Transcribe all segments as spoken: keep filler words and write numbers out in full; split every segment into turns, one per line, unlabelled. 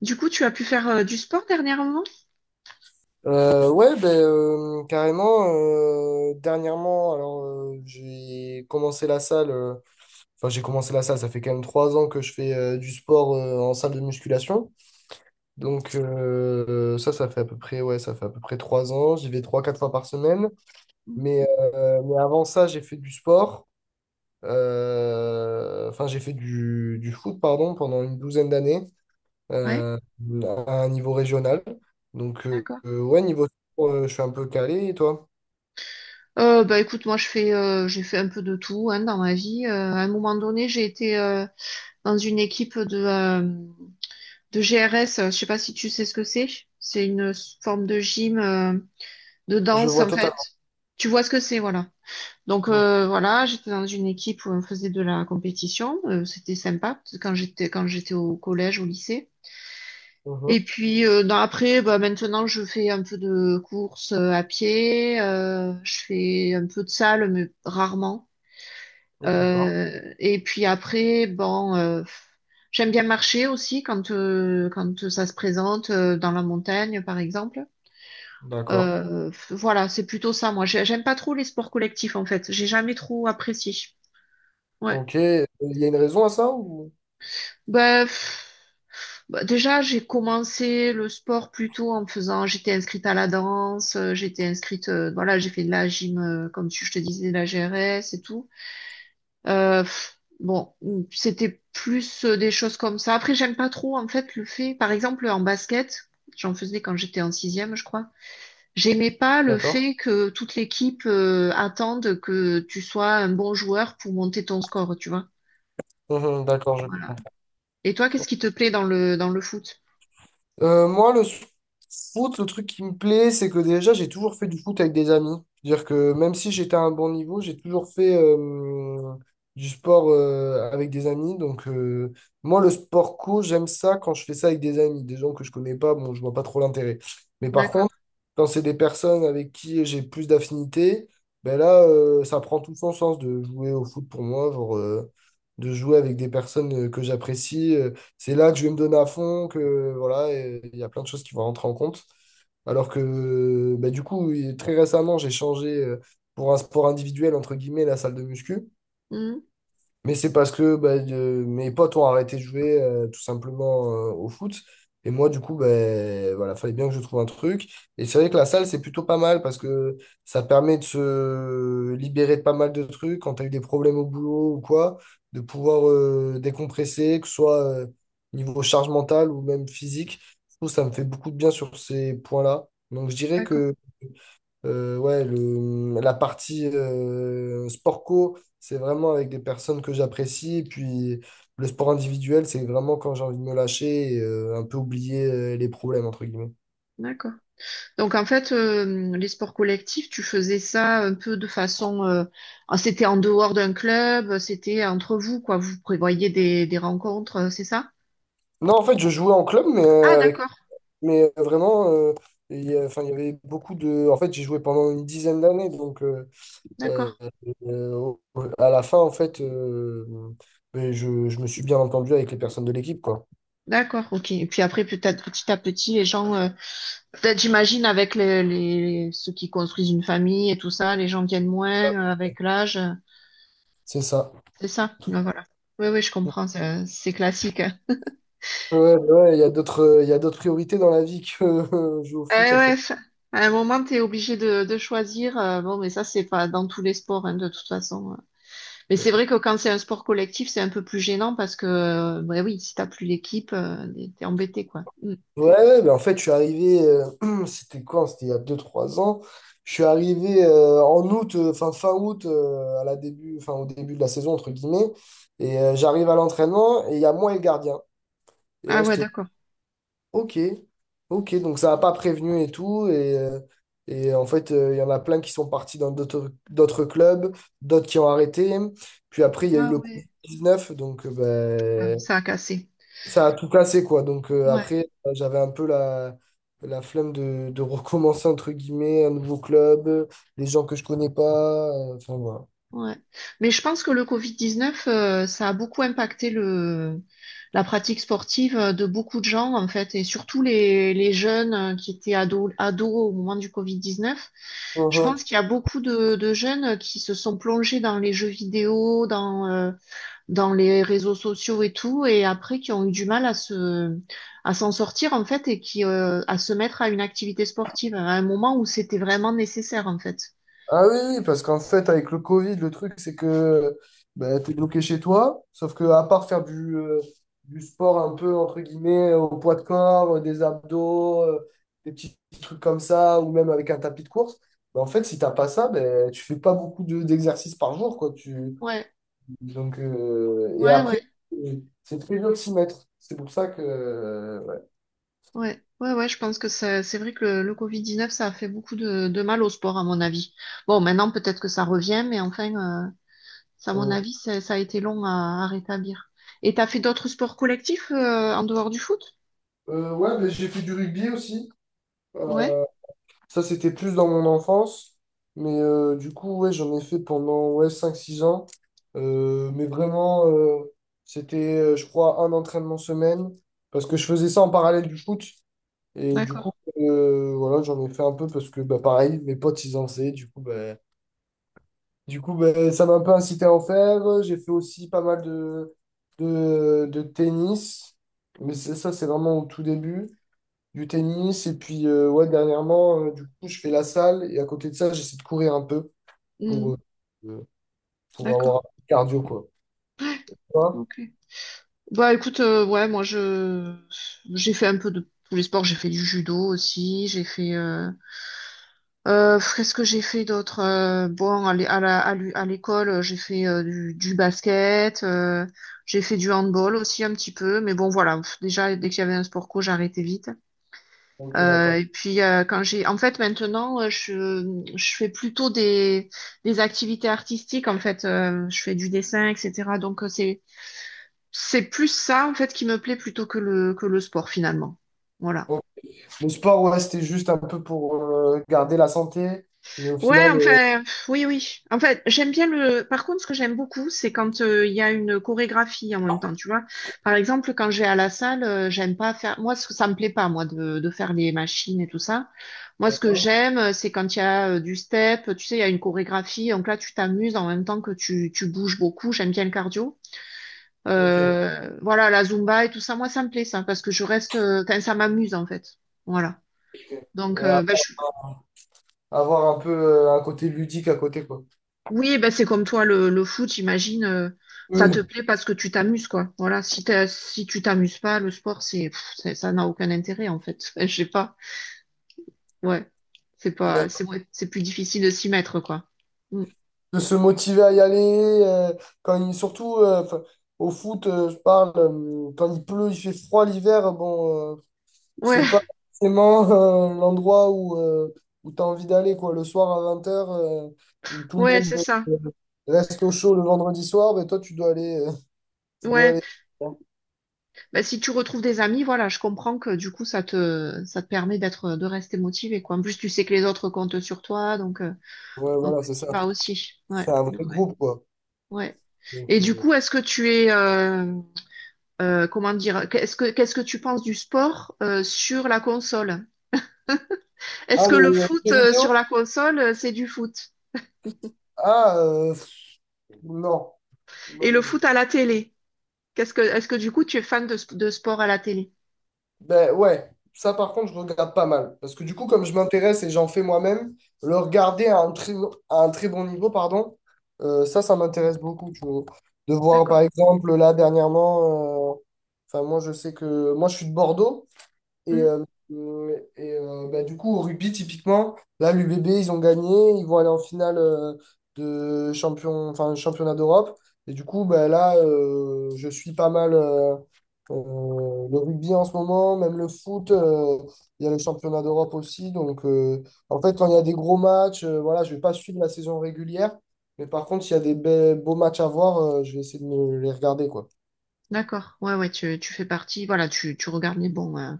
Du coup, tu as pu faire euh, du sport dernièrement?
Euh, ouais, ben, euh, carrément. Euh, dernièrement, alors euh, j'ai commencé la salle. euh, Enfin, j'ai commencé la salle. Ça fait quand même trois ans que je fais euh, du sport euh, en salle de musculation. Donc euh, ça, ça fait à peu près ouais, ça fait à peu près trois ans. J'y vais trois, quatre fois par semaine.
Mhm.
Mais euh, mais avant ça, j'ai fait du sport. Euh, Enfin, j'ai fait du du foot, pardon, pendant une douzaine d'années
Ouais,
euh, à un niveau régional. Donc euh,
d'accord.
euh, ouais, niveau sport, euh, je suis un peu calé. Et toi?
Euh, bah écoute, moi je fais, euh, j'ai fait un peu de tout hein, dans ma vie. Euh, à un moment donné, j'ai été euh, dans une équipe de, euh, de G R S. Euh, Je sais pas si tu sais ce que c'est. C'est une s- forme de gym, euh, de
Je
danse
vois
en fait.
totalement.
Tu vois ce que c'est, voilà. Donc
Mhm,
euh, voilà, j'étais dans une équipe où on faisait de la compétition, euh, c'était sympa parce que quand j'étais quand j'étais au collège, au lycée.
mhm.
Et puis euh, dans- après, bah, maintenant je fais un peu de course euh, à pied, euh, je fais un peu de salle mais rarement.
D'accord.
Euh, et puis après, bon, euh, j'aime bien marcher aussi quand euh, quand ça se présente euh, dans la montagne par exemple.
D'accord.
Euh, voilà, c'est plutôt ça, moi. J'ai- J'aime pas trop les sports collectifs, en fait. J'ai jamais trop apprécié. Ouais.
Ok. Il y a une raison à ça ou...
Bah, pff, bah, déjà, j'ai commencé le sport plutôt en faisant, j'étais inscrite à la danse, euh, j'étais inscrite, euh, voilà, j'ai fait de la gym, euh, comme tu, je te disais, de la G R S et tout. Euh, pff, bon, c'était plus euh, des choses comme ça. Après, j'aime pas trop, en fait, le fait, par exemple, en basket, j'en faisais quand j'étais en sixième, je crois. J'aimais pas le
D'accord.
fait que toute l'équipe euh, attende que tu sois un bon joueur pour monter ton score, tu vois.
Mhm, d'accord, je
Voilà.
comprends.
Et toi, qu'est-ce qui te plaît dans le dans le foot?
Euh, moi, le foot, le truc qui me plaît, c'est que déjà, j'ai toujours fait du foot avec des amis. C'est-à-dire que même si j'étais à un bon niveau, j'ai toujours fait euh, du sport euh, avec des amis. Donc, euh, moi, le sport co, j'aime ça quand je fais ça avec des amis. Des gens que je connais pas, bon, je vois pas trop l'intérêt. Mais par
D'accord.
contre, quand c'est des personnes avec qui j'ai plus d'affinité, ben là, euh, ça prend tout son sens de jouer au foot pour moi, genre, euh, de jouer avec des personnes euh, que j'apprécie. Euh, c'est là que je vais me donner à fond, que voilà, et il y a plein de choses qui vont rentrer en compte. Alors que bah, du coup, et très récemment, j'ai changé euh, pour un sport individuel, entre guillemets, la salle de muscu.
Mhm.
Mais c'est parce que bah, de- mes potes ont arrêté de jouer euh, tout simplement euh, au foot. Et moi, du coup, ben voilà, fallait bien que je trouve un truc. Et c'est vrai que la salle, c'est plutôt pas mal parce que ça permet de se libérer de pas mal de trucs. Quand tu as eu des problèmes au boulot ou quoi, de pouvoir euh, décompresser, que ce soit euh, niveau charge mentale ou même physique. Je trouve que ça me fait beaucoup de bien sur ces points-là. Donc, je dirais
D'accord.
que euh, ouais, le, la partie euh, sport co, c'est vraiment avec des personnes que j'apprécie. Et puis le sport individuel, c'est vraiment quand j'ai envie de me lâcher et euh, un peu oublier euh, les problèmes, entre guillemets.
D'accord. Donc en fait, euh, les sports collectifs, tu faisais ça un peu de façon, euh, ah, c'était en dehors d'un club, c'était entre vous, quoi. Vous prévoyez des, des rencontres, euh, c'est ça?
Non, en fait, je jouais en club, mais,
Ah
euh, avec,
d'accord,
mais euh, vraiment, euh, il y a- enfin, il y avait beaucoup de... En fait, j'ai joué pendant une dizaine d'années. Donc, euh, euh,
d'accord,
euh, au- à la fin, en fait, euh, ben, je, je me suis bien entendu avec les personnes de l'équipe, quoi.
d'accord, ok. Et puis après, peut-être petit à petit, les gens euh, Peut-être j'imagine avec les, les- ceux qui construisent une famille et tout ça, les gens tiennent moins euh, avec l'âge.
C'est ça.
C'est ça. Donc, voilà. Oui, oui, je comprends. C'est c'est classique.
Ouais, bah ouais, il y a d'autres, il y a d'autres priorités dans la vie que euh, jouer au
Eh
foot, entre
ouais,
guillemets.
f- à un moment, tu es obligé de, de choisir. Euh, bon, mais ça, c'est pas dans tous les sports, hein, de toute façon. Mais c'est vrai que quand c'est un sport collectif, c'est un peu plus gênant parce que, euh, ouais, oui, si t'as plus l'équipe, euh, t'es embêté, quoi. Mm.
Ouais, ouais, mais en fait, je suis arrivé, euh, c'était quoi? C'était il y a deux trois ans. Je suis arrivé euh, en août, euh, fin, fin août, euh, à la début, enfin, au début de la saison, entre guillemets. Et euh, j'arrive à l'entraînement et il y a moi et le gardien. Et là,
Ah ouais,
j'étais
d'accord.
OK, OK, donc ça n'a pas prévenu et tout. Et, euh, et en fait, euh, il y en a plein qui sont partis dans d'autres d'autres clubs, d'autres qui ont arrêté. Puis après, il y a eu
Ah
le
ouais.
covid dix-neuf, donc euh,
Ah oui,
ben,
ça a cassé.
ça a tout cassé, quoi. Donc euh,
Ouais.
après, euh, j'avais un peu la, la flemme de, de recommencer, entre guillemets, un nouveau club, euh, des gens que je connais pas. euh, Enfin, voilà.
Ouais. Mais je pense que le covid dix-neuf, euh, ça a beaucoup impacté le, la pratique sportive euh, de beaucoup de gens, en fait, et surtout les, les jeunes euh, qui étaient ados, ados au moment du covid dix-neuf. Je
Mhm.
pense qu'il y a beaucoup de, de jeunes qui se sont plongés dans les jeux vidéo, dans, euh, dans les réseaux sociaux et tout, et après qui ont eu du mal à se, à s'en sortir, en fait, et qui, euh, à se mettre à une activité sportive à un moment où c'était vraiment nécessaire, en fait.
Ah oui, oui, parce qu'en fait, avec le Covid, le truc, c'est que bah, t'es bloqué chez toi, sauf que à part faire du, euh, du sport un peu, entre guillemets, au poids de corps, euh, des abdos, euh, des petits trucs comme ça, ou même avec un tapis de course, bah, en fait, si t'as pas ça, ben tu fais pas beaucoup de- d'exercices par jour, quoi. Tu,
Ouais,
donc, euh, et
ouais, ouais.
après, euh, c'est très dur de s'y mettre. C'est pour ça que. Euh, ouais,
Ouais, ouais, ouais, je pense que c'est c'est vrai que le, le covid dix-neuf, ça a fait beaucoup de, de mal au sport, à mon avis. Bon, maintenant, peut-être que ça revient, mais enfin, euh, ça, à mon
On-
avis, ça, ça a été long à, à rétablir. Et t'as fait d'autres sports collectifs euh, en dehors du foot?
euh, ouais, mais j'ai fait du rugby aussi.
Ouais,
Euh, Ça, c'était plus dans mon enfance. Mais euh, du coup, ouais, j'en ai fait pendant ouais, cinq six ans. Euh, mais vraiment, euh, c'était, euh, je crois, un entraînement semaine. Parce que je faisais ça en parallèle du foot. Et du coup,
d'accord.
euh, voilà, j'en ai fait un peu parce que, bah, pareil, mes potes, ils en faisaient. Du coup, bah, Du coup, ben, ça m'a un peu incité à en faire. J'ai fait aussi pas mal de, de, de tennis. Mais c'est- ça, c'est vraiment au tout début du tennis. Et puis, euh, ouais, dernièrement, euh, du coup, je fais la salle. Et à côté de ça, j'essaie de courir un peu
Hmm,
pour, euh, euh, pour avoir un
d'accord,
peu de cardio, quoi. Tu vois
ok. Bah écoute, euh, ouais, moi, je j'ai fait un peu de tous les sports. J'ai fait du judo aussi, j'ai fait... euh, Euh, Qu'est-ce que j'ai fait d'autre? Euh, bon, à l'é- à la- à l'é- à l'école, euh, j'ai fait euh, du, du basket, euh, j'ai fait du handball aussi un petit peu, mais bon, voilà. Pff, déjà, dès qu'il y avait un sport co, j'arrêtais vite.
ok,
Euh,
d'accord.
et puis, euh, quand j'ai, en fait, maintenant, euh, je, je fais plutôt des, des activités artistiques. En fait, euh, je fais du dessin, et cetera. Donc, euh, c'est, c'est plus ça, en fait, qui me plaît plutôt que le, que le sport, finalement. Voilà.
Bon, le sport, ouais, c'était juste un peu pour euh, garder la santé. Mais au final,
Ouais,
euh,
enfin, pff, oui, oui. En fait, j'aime bien le. Par contre, ce que j'aime beaucoup, c'est quand euh, il y a une chorégraphie en même temps, tu vois. Par exemple, quand je vais à la salle, euh, j'aime pas faire. Moi, ce que ça me plaît pas, moi, de, de faire les machines et tout ça. Moi, ce que j'aime, euh, c'est quand il y a euh, du step, tu sais, il y a une chorégraphie. Donc là, tu t'amuses en même temps que tu, tu bouges beaucoup. J'aime bien le cardio.
ok.
Euh, voilà, la Zumba et tout ça, moi, ça me plaît, ça, parce que je reste. euh, Enfin, ça m'amuse, en fait. Voilà. Donc,
Ouais,
euh, ben, je
avoir un peu euh, un côté ludique à côté, quoi.
Oui, ben c'est comme toi, le, le foot, j'imagine, euh, ça te
Oui.
plaît parce que tu t'amuses, quoi. Voilà, si t'as- si tu t'amuses pas, le sport, c'est, pff, c'est- ça n'a aucun intérêt, en fait. Je sais pas. Ouais. C'est pas, c'est ouais, c'est plus difficile de s'y mettre, quoi. Mm.
De se motiver à y aller. Euh, quand il, surtout euh, enfin, au foot, euh, je parle, euh, quand il pleut, il fait froid l'hiver, euh, bon, euh,
Ouais,
c'est pas forcément euh, l'endroit où, euh, où tu as envie d'aller, quoi. Le soir à vingt heures euh, où tout le
ouais, c'est
monde
ça.
euh, reste au chaud le vendredi soir, ben toi, tu dois aller. euh, tu dois
Ouais.
aller.
Ben, si tu retrouves des amis, voilà, je comprends que du coup, ça te, ça te permet d'être, de rester motivé, quoi. En plus, tu sais que les autres comptent sur toi, donc, euh,
Ouais,
donc
voilà, c'est
tu y
ça.
vas aussi. Ouais.
C'est un vrai
Ouais.
groupe, quoi.
Ouais.
Donc,
Et du
euh,
coup, est-ce que tu es, euh, euh, comment dire, qu'est-ce que qu'est-ce que tu penses du sport euh, sur la console? Est-ce
ah,
que
les,
le foot
les
euh,
vidéos?
sur la console, euh, c'est du foot?
Ah, euh, pff, non.
Et le foot à la télé? Qu'est-ce que est-ce que du coup tu es fan de, sp- de sport à la télé?
Ben ouais, ça par contre, je regarde pas mal. Parce que du coup,
Mm.
comme je m'intéresse et j'en fais moi-même, le regarder à un très, à un très bon niveau, pardon, euh, ça, ça m'intéresse beaucoup, tu vois. De voir,
D'accord.
par exemple, là, dernièrement, euh, enfin, moi, je sais que moi, je suis de Bordeaux. Et,
Mm.
euh, euh, et euh, Bah, du coup, au rugby, typiquement, là, l'U B B ils ont gagné. Ils vont aller en finale euh, de champion, enfin, championnat d'Europe. Et du coup, bah, là, euh, je suis pas mal euh, euh, le rugby en ce moment, même le foot. Euh, il y a le championnat d'Europe aussi. Donc, euh, en fait, quand il y a des gros matchs, euh, voilà, je vais pas suivre la saison régulière. Mais par contre, s'il y a des be- beaux matchs à voir, euh, je vais essayer de me les regarder, quoi.
D'accord. Ouais, ouais, tu, tu fais partie. Voilà, tu, tu regardes les bons euh,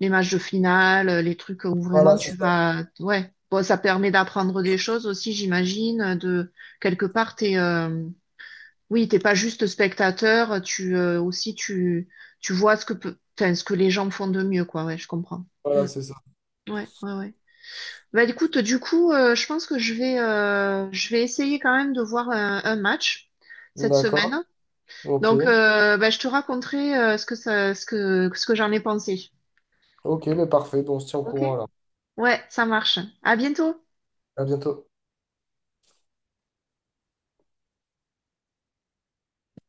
les matchs de finale, euh, les trucs où vraiment
Voilà, c'est
tu
ça.
vas. Ouais. Bon, ça permet d'apprendre des choses aussi, j'imagine, de quelque part, t'es, euh, Oui, t'es pas juste spectateur, tu euh, aussi tu tu vois ce que peut, enfin, ce que les gens font de mieux, quoi. Ouais, je comprends. Mm.
Voilà, c'est ça.
Ouais, ouais, ouais. Bah écoute, du coup, euh, je pense que je vais euh, je vais essayer quand même de voir un, un match cette
D'accord.
semaine.
Ok.
Donc, euh, bah, je te raconterai euh, ce que ça, ce que ce que j'en ai pensé.
Ok, mais parfait. Bon, on se tient au
Ok.
courant alors.
Ouais, ça marche. À bientôt.
À bientôt.